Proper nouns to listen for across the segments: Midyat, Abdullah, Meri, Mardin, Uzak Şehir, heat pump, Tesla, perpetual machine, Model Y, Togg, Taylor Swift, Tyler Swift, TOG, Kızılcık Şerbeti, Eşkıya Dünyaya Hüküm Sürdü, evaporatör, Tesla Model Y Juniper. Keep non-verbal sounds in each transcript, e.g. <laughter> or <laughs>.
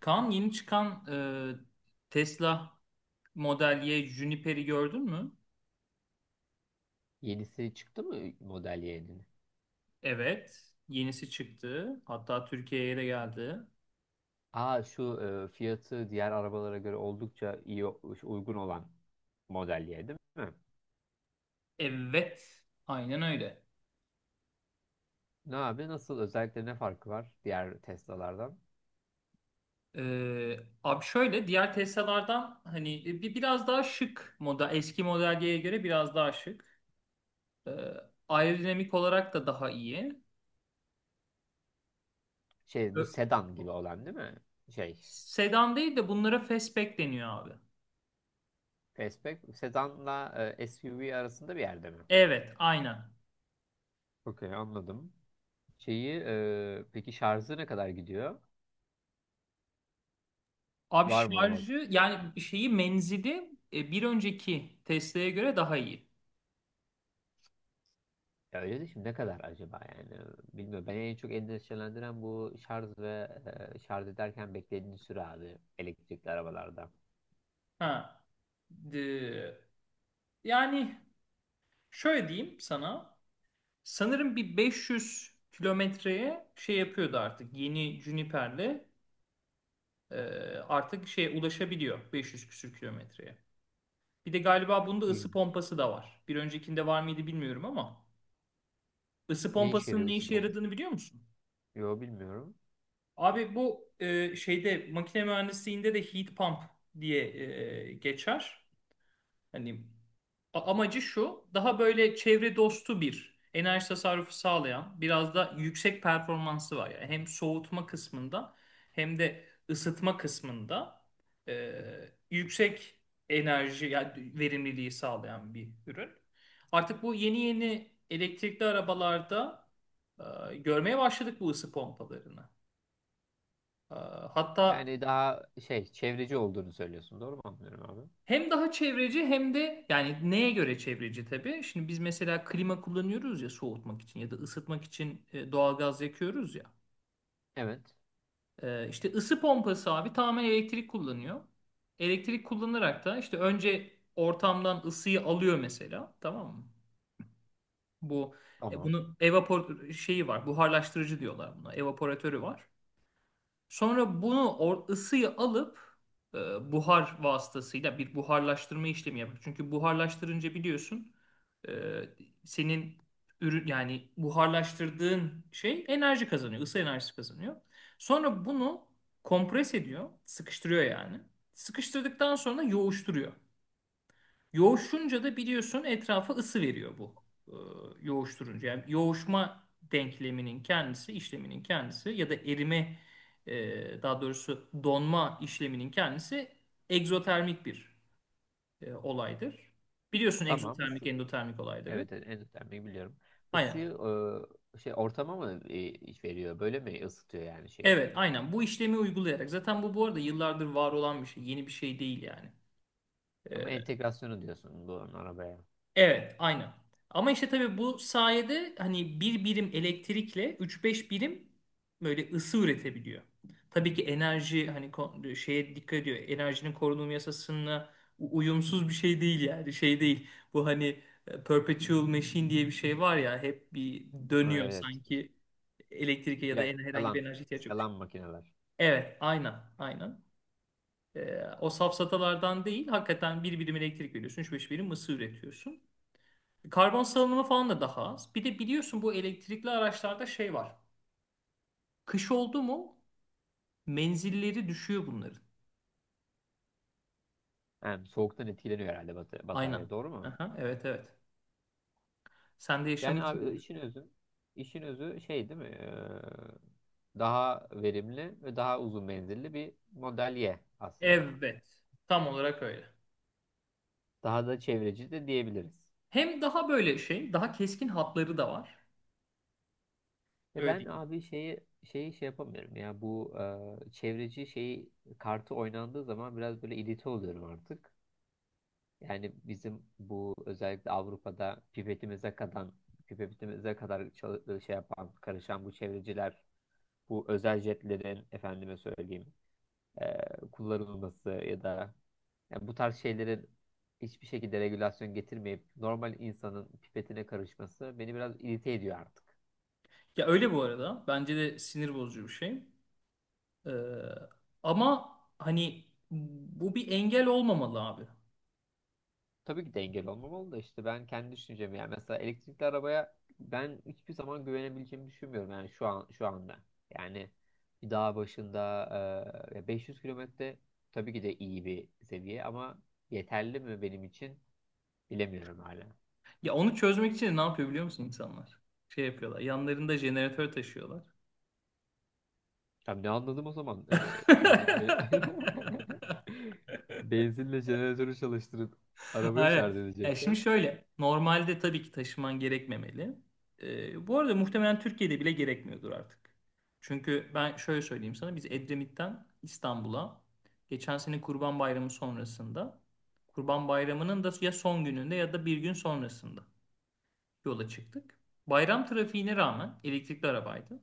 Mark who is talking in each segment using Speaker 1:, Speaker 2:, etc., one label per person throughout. Speaker 1: Kaan yeni çıkan Tesla Model Y Juniper'i gördün mü?
Speaker 2: Yenisi çıktı mı model Y'nin?
Speaker 1: Evet. Yenisi çıktı. Hatta Türkiye'ye de geldi.
Speaker 2: Aa şu fiyatı diğer arabalara göre oldukça iyi uygun olan model Y değil mi?
Speaker 1: Evet. Aynen öyle.
Speaker 2: Ne abi nasıl özellikle ne farkı var diğer Tesla'lardan?
Speaker 1: E, Abi şöyle, diğer Tesla'lardan hani biraz daha şık model. Eski Model Y'ye göre biraz daha şık. E, Aerodinamik olarak da daha iyi.
Speaker 2: Şey bu
Speaker 1: Ö-
Speaker 2: sedan gibi olan değil mi? Şey
Speaker 1: Sedan değil de bunlara fastback deniyor abi.
Speaker 2: fastback sedanla SUV arasında bir yerde mi?
Speaker 1: Evet. Aynen.
Speaker 2: Okey, anladım. Şeyi peki şarjı ne kadar gidiyor?
Speaker 1: Abi
Speaker 2: Var mı o?
Speaker 1: şarjı yani şeyi, menzili bir önceki Tesla'ya göre daha iyi.
Speaker 2: Ya öyle de şimdi ne kadar acaba yani bilmiyorum. Beni en çok endişelendiren bu şarj ve şarj ederken beklediğin süre abi elektrikli arabalarda.
Speaker 1: Ha. de- yani Şöyle diyeyim sana. Sanırım bir 500 kilometreye şey yapıyordu artık. Yeni Juniper'le e, artık şeye ulaşabiliyor, 500 küsür kilometreye. Bir de galiba bunda ısı
Speaker 2: İyiymiş.
Speaker 1: pompası da var. Bir öncekinde var mıydı bilmiyorum ama ısı
Speaker 2: Ne işe
Speaker 1: pompasının
Speaker 2: yarıyor
Speaker 1: ne
Speaker 2: ısı
Speaker 1: işe
Speaker 2: pompası?
Speaker 1: yaradığını biliyor musun?
Speaker 2: Yo, bilmiyorum.
Speaker 1: Abi bu şeyde, makine mühendisliğinde de heat pump diye geçer. Hani amacı şu: daha böyle çevre dostu, bir enerji tasarrufu sağlayan, biraz da yüksek performansı var. Yani hem soğutma kısmında hem de ısıtma kısmında e, yüksek enerji yani verimliliği sağlayan bir ürün. Artık bu yeni yeni elektrikli arabalarda görmeye başladık bu ısı pompalarını. Ee, Hatta.
Speaker 2: Yani daha şey çevreci olduğunu söylüyorsun, doğru mu anlıyorum abi?
Speaker 1: Hem daha çevreci hem de yani neye göre çevreci tabii. Şimdi biz mesela klima kullanıyoruz ya soğutmak için, ya da ısıtmak için doğalgaz yakıyoruz ya.
Speaker 2: Evet.
Speaker 1: İşte ısı pompası abi tamamen elektrik kullanıyor. Elektrik kullanarak da işte önce ortamdan ısıyı alıyor mesela, tamam mı? Bu
Speaker 2: Tamam.
Speaker 1: bunu, evapor şeyi var, buharlaştırıcı diyorlar buna, evaporatörü var. Sonra bunu ısıyı alıp buhar vasıtasıyla bir buharlaştırma işlemi yapar. Çünkü buharlaştırınca biliyorsun e, senin ürün yani buharlaştırdığın şey enerji kazanıyor, ısı enerjisi kazanıyor. Sonra bunu kompres ediyor, sıkıştırıyor yani. Sıkıştırdıktan sonra yoğuşturuyor. Yoğuşunca da biliyorsun etrafa ısı veriyor bu e, yoğuşturunca. Yani yoğuşma denkleminin kendisi, işleminin kendisi ya da erime, daha doğrusu donma işleminin kendisi egzotermik bir olaydır. Biliyorsun
Speaker 2: Tamam,
Speaker 1: egzotermik,
Speaker 2: ısı.
Speaker 1: endotermik olayları.
Speaker 2: Evet, evet, en önemliyi biliyorum.
Speaker 1: Aynen.
Speaker 2: Isıyı şey ortama mı veriyor, böyle mi ısıtıyor yani şeyi?
Speaker 1: Evet, aynen. Bu işlemi uygulayarak. Zaten bu arada yıllardır var olan bir şey. Yeni bir şey değil yani. E,
Speaker 2: Ama entegrasyonu diyorsun bu arabaya.
Speaker 1: Evet, aynı. Ama işte tabii bu sayede hani bir birim elektrikle üç beş birim böyle ısı üretebiliyor. Tabii ki enerji hani şeye dikkat ediyor. Enerjinin korunum yasasına uyumsuz bir şey değil yani. Şey değil. Bu hani perpetual machine diye bir şey var ya, hep bir
Speaker 2: Ha,
Speaker 1: dönüyor
Speaker 2: evet.
Speaker 1: sanki elektrike ya da herhangi bir
Speaker 2: Yalan.
Speaker 1: enerji ihtiyacı yokmuş.
Speaker 2: Yalan makineler.
Speaker 1: Evet, aynen, aynen. O safsatalardan değil, hakikaten bir birim elektrik veriyorsun, üç beş birim ısı üretiyorsun. Karbon salınımı falan da daha az. Bir de biliyorsun bu elektrikli araçlarda şey var. Kış oldu mu menzilleri düşüyor bunların.
Speaker 2: Yani soğuktan etkileniyor herhalde
Speaker 1: Aynen.
Speaker 2: batarya, doğru mu?
Speaker 1: Aha, evet evet. Sen de
Speaker 2: Yani abi
Speaker 1: yaşamışsındır.
Speaker 2: işin özü şey değil mi? Daha verimli ve daha uzun menzilli bir model Y aslında.
Speaker 1: Evet. Tam olarak öyle.
Speaker 2: Daha da çevreci de diyebiliriz.
Speaker 1: Hem daha böyle şey, daha keskin hatları da var.
Speaker 2: Ya
Speaker 1: Öyle
Speaker 2: ben
Speaker 1: değil mi?
Speaker 2: abi şeyi şey yapamıyorum ya bu çevreci şeyi, kartı oynandığı zaman biraz böyle irite oluyorum artık. Yani bizim bu özellikle Avrupa'da pipetimize kadar şey yapan, karışan bu çevreciler, bu özel jetlerin efendime söyleyeyim kullanılması ya da yani bu tarz şeylerin hiçbir şekilde regülasyon getirmeyip normal insanın pipetine karışması beni biraz irite ediyor artık.
Speaker 1: Ya öyle bu arada. Bence de sinir bozucu bir şey. Ee, ama hani bu bir engel olmamalı abi.
Speaker 2: Tabii ki de engel olmamalı da işte ben kendi düşüncemi, yani mesela elektrikli arabaya ben hiçbir zaman güvenebileceğimi düşünmüyorum yani şu anda. Yani bir dağ başında 500 kilometre tabii ki de iyi bir seviye ama yeterli mi benim için, bilemiyorum hala.
Speaker 1: Ya onu çözmek için ne yapıyor, biliyor musun insanlar? Şey yapıyorlar. Yanlarında jeneratör taşıyorlar.
Speaker 2: Ya ne anladım o zaman? Yine
Speaker 1: <laughs>
Speaker 2: <laughs> benzinle jeneratörü çalıştırıp arabayı
Speaker 1: Hayır.
Speaker 2: şarj
Speaker 1: Ya şimdi
Speaker 2: edeceksem.
Speaker 1: şöyle. Normalde tabii ki taşıman gerekmemeli. Bu arada muhtemelen Türkiye'de bile gerekmiyordur artık. Çünkü ben şöyle söyleyeyim sana. Biz Edremit'ten İstanbul'a geçen sene Kurban Bayramı sonrasında, Kurban Bayramı'nın da ya son gününde ya da bir gün sonrasında yola çıktık. Bayram trafiğine rağmen elektrikli arabaydı.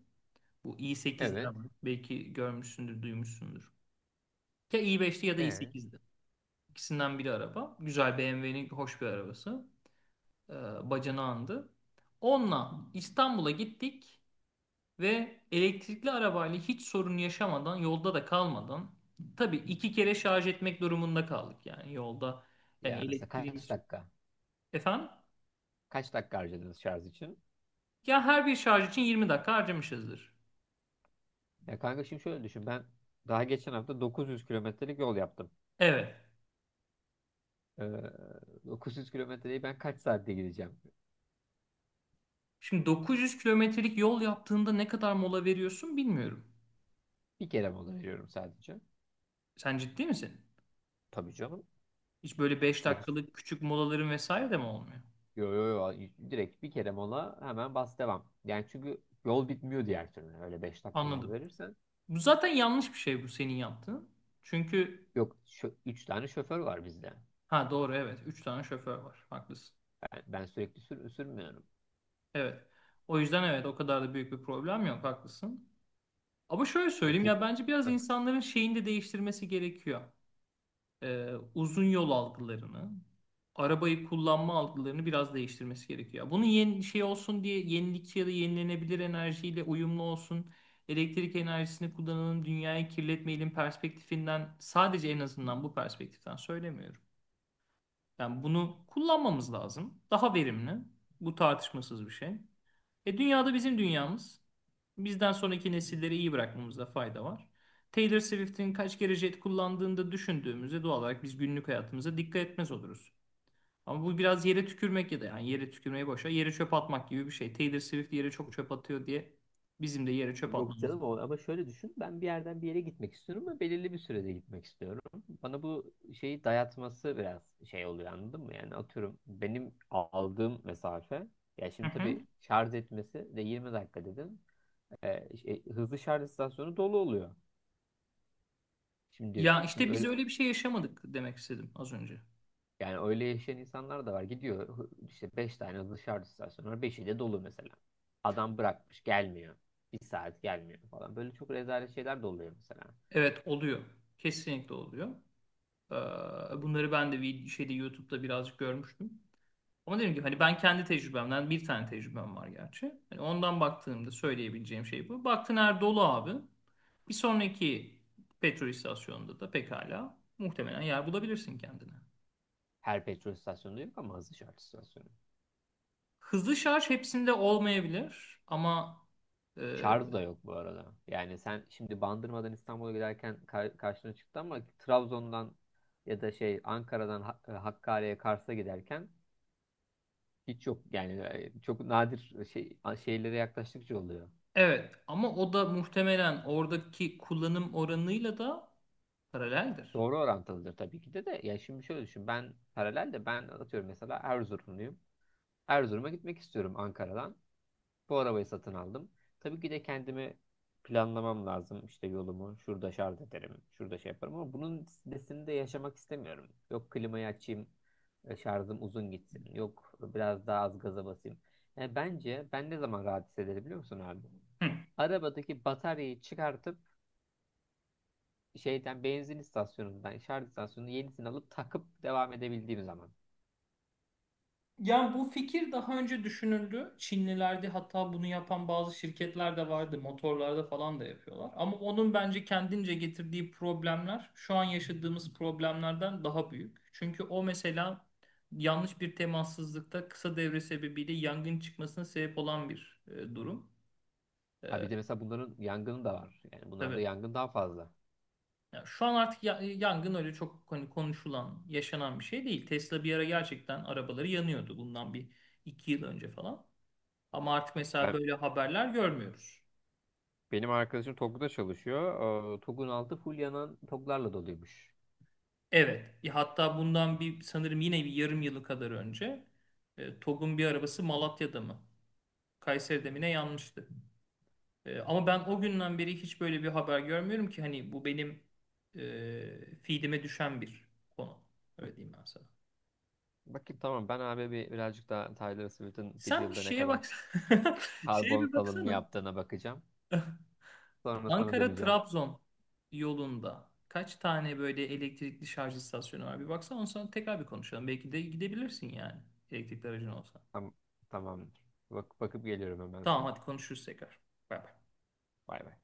Speaker 1: Bu i8'ler
Speaker 2: Evet.
Speaker 1: var. Belki görmüşsündür, duymuşsundur. Ya i5'ti ya da
Speaker 2: Ee,
Speaker 1: i8'di. İkisinden biri araba. Güzel, BMW'nin hoş bir arabası. Bacanağındı. Onunla İstanbul'a gittik ve elektrikli arabayla hiç sorun yaşamadan, yolda da kalmadan, tabii iki kere şarj etmek durumunda kaldık yani yolda. Yani
Speaker 2: yani mesela kaç
Speaker 1: elektriğimiz.
Speaker 2: dakika?
Speaker 1: Efendim?
Speaker 2: Kaç dakika harcadınız şarj için?
Speaker 1: Ya her bir şarj için 20 dakika harcamışızdır.
Speaker 2: Ya kanka, şimdi şöyle düşün. Ben daha geçen hafta 900 kilometrelik yol yaptım.
Speaker 1: Evet.
Speaker 2: Ee, 900 kilometreyi ben kaç saatte gideceğim?
Speaker 1: Şimdi dokuz yüz kilometrelik yol yaptığında ne kadar mola veriyorsun bilmiyorum.
Speaker 2: Bir kere mola veriyorum sadece.
Speaker 1: Sen ciddi misin?
Speaker 2: Tabii canım.
Speaker 1: Hiç böyle 5
Speaker 2: 9.
Speaker 1: dakikalık küçük molaların vesaire de mi olmuyor?
Speaker 2: Yo, yo, yo. Direkt bir kere mola, hemen bas devam. Yani çünkü yol bitmiyor diğer türlü, öyle 5 dakika mola
Speaker 1: Anladım.
Speaker 2: verirsen.
Speaker 1: Bu zaten yanlış bir şey, bu senin yaptığın. Çünkü
Speaker 2: Yok, üç tane şoför var bizde.
Speaker 1: ha, doğru, evet, 3 tane şoför var. Haklısın.
Speaker 2: Ben sürekli sürmüyorum.
Speaker 1: Evet. O yüzden evet, o kadar da büyük bir problem yok. Haklısın. Ama şöyle
Speaker 2: Yani
Speaker 1: söyleyeyim
Speaker 2: tek.
Speaker 1: ya, bence biraz
Speaker 2: Hı.
Speaker 1: insanların şeyini de değiştirmesi gerekiyor. Uzun yol algılarını, arabayı kullanma algılarını biraz değiştirmesi gerekiyor. Bunun yeni şey olsun diye, yenilikçi ya da yenilenebilir enerjiyle uyumlu olsun. Elektrik enerjisini kullanalım, dünyayı kirletmeyelim perspektifinden sadece, en azından bu perspektiften söylemiyorum. Yani bunu kullanmamız lazım. Daha verimli. Bu tartışmasız bir şey. E dünyada, bizim dünyamız. Bizden sonraki nesilleri iyi bırakmamızda fayda var. Taylor Swift'in kaç kere jet kullandığını da düşündüğümüzde doğal olarak biz günlük hayatımıza dikkat etmez oluruz. Ama bu biraz yere tükürmek ya da yani yere tükürmeyi, boşa yere çöp atmak gibi bir şey. Taylor Swift yere çok çöp atıyor diye bizim de yere çöp
Speaker 2: Yok
Speaker 1: atmamız.
Speaker 2: canım, o ama şöyle düşün. Ben bir yerden bir yere gitmek istiyorum ama belirli bir sürede gitmek istiyorum. Bana bu şeyi dayatması biraz şey oluyor, anladın mı? Yani atıyorum benim aldığım mesafe ya,
Speaker 1: Hı
Speaker 2: şimdi
Speaker 1: hı.
Speaker 2: tabii şarj etmesi de 20 dakika dedim. Şey, hızlı şarj istasyonu dolu oluyor. Şimdi
Speaker 1: Ya
Speaker 2: şimdi
Speaker 1: işte biz
Speaker 2: öyle.
Speaker 1: öyle bir şey yaşamadık demek istedim az önce.
Speaker 2: Yani öyle yaşayan insanlar da var. Gidiyor işte 5 tane dışarı istasyonu var. 5'i de dolu mesela. Adam bırakmış gelmiyor. Bir saat gelmiyor falan. Böyle çok rezalet şeyler de oluyor mesela.
Speaker 1: Evet oluyor. Kesinlikle oluyor. Ee, Bunları ben de şeyde, YouTube'da birazcık görmüştüm. Ama dedim ki hani ben kendi tecrübemden, bir tane tecrübem var gerçi. Hani ondan baktığımda söyleyebileceğim şey bu. Baktın her dolu abi. Bir sonraki petrol istasyonunda da pekala muhtemelen yer bulabilirsin kendine.
Speaker 2: Her petrol istasyonu yok ama hızlı şarj istasyonu.
Speaker 1: Hızlı şarj hepsinde olmayabilir ama e,
Speaker 2: Şarj da yok bu arada. Yani sen şimdi Bandırma'dan İstanbul'a giderken karşına çıktı ama Trabzon'dan ya da şey Ankara'dan Hakkari'ye, Kars'a giderken hiç yok. Yani çok nadir şey, şeylere yaklaştıkça oluyor.
Speaker 1: evet, ama o da muhtemelen oradaki kullanım oranıyla da paraleldir.
Speaker 2: Doğru orantılıdır tabii ki de de. Ya şimdi şöyle düşün. Ben paralel de ben atıyorum mesela Erzurumluyum. Erzurum'a gitmek istiyorum Ankara'dan. Bu arabayı satın aldım. Tabii ki de kendimi planlamam lazım. İşte yolumu şurada şarj ederim, şurada şey yaparım ama bunun stresini de yaşamak istemiyorum. Yok klimayı açayım. Şarjım uzun gitsin. Yok biraz daha az gaza basayım. Yani bence ben ne zaman rahat hissederim biliyor musun abi?
Speaker 1: Hı.
Speaker 2: Arabadaki bataryayı çıkartıp şeyden, benzin istasyonundan, şarj istasyonundan yenisini alıp takıp devam edebildiğim zaman.
Speaker 1: Yani bu fikir daha önce düşünüldü. Çinlilerde hatta bunu yapan bazı şirketler de vardı. Motorlarda falan da yapıyorlar. Ama onun bence kendince getirdiği problemler şu an yaşadığımız problemlerden daha büyük. Çünkü o mesela yanlış bir temassızlıkta, kısa devre sebebiyle yangın çıkmasına sebep olan bir durum. E,
Speaker 2: Ha bir de mesela bunların yangını da var. Yani bunlarda
Speaker 1: tabii.
Speaker 2: yangın daha fazla.
Speaker 1: Ya şu an artık yangın öyle çok hani konuşulan, yaşanan bir şey değil. Tesla bir ara gerçekten arabaları yanıyordu bundan bir iki yıl önce falan. Ama artık mesela
Speaker 2: Ben,
Speaker 1: böyle haberler görmüyoruz.
Speaker 2: benim arkadaşım Togg'da çalışıyor. TOG'un altı full yanan TOG'larla doluymuş.
Speaker 1: Evet. Hatta bundan bir sanırım, yine bir yarım yılı kadar önce TOG'un bir arabası Malatya'da mı, Kayseri'de mi ne yanmıştı. Ama ben o günden beri hiç böyle bir haber görmüyorum ki, hani bu benim feedime düşen bir konu. Öyle diyeyim ben sana.
Speaker 2: Bakayım, tamam ben abi birazcık daha Tyler Swift'in bir
Speaker 1: Sen bir
Speaker 2: yılda ne
Speaker 1: şeye
Speaker 2: kadar
Speaker 1: baksana. <laughs> Şeye
Speaker 2: karbon
Speaker 1: bir
Speaker 2: salınımı
Speaker 1: baksana.
Speaker 2: yaptığına bakacağım. Sonra sana döneceğim.
Speaker 1: Ankara-Trabzon yolunda kaç tane böyle elektrikli şarj istasyonu var? Bir baksana, ondan sonra tekrar bir konuşalım. Belki de gidebilirsin yani, elektrikli aracın olsa.
Speaker 2: Tam, tamamdır. Bakıp geliyorum hemen
Speaker 1: Tamam,
Speaker 2: sana.
Speaker 1: hadi konuşuruz tekrar. Bay bay.
Speaker 2: Bay bay.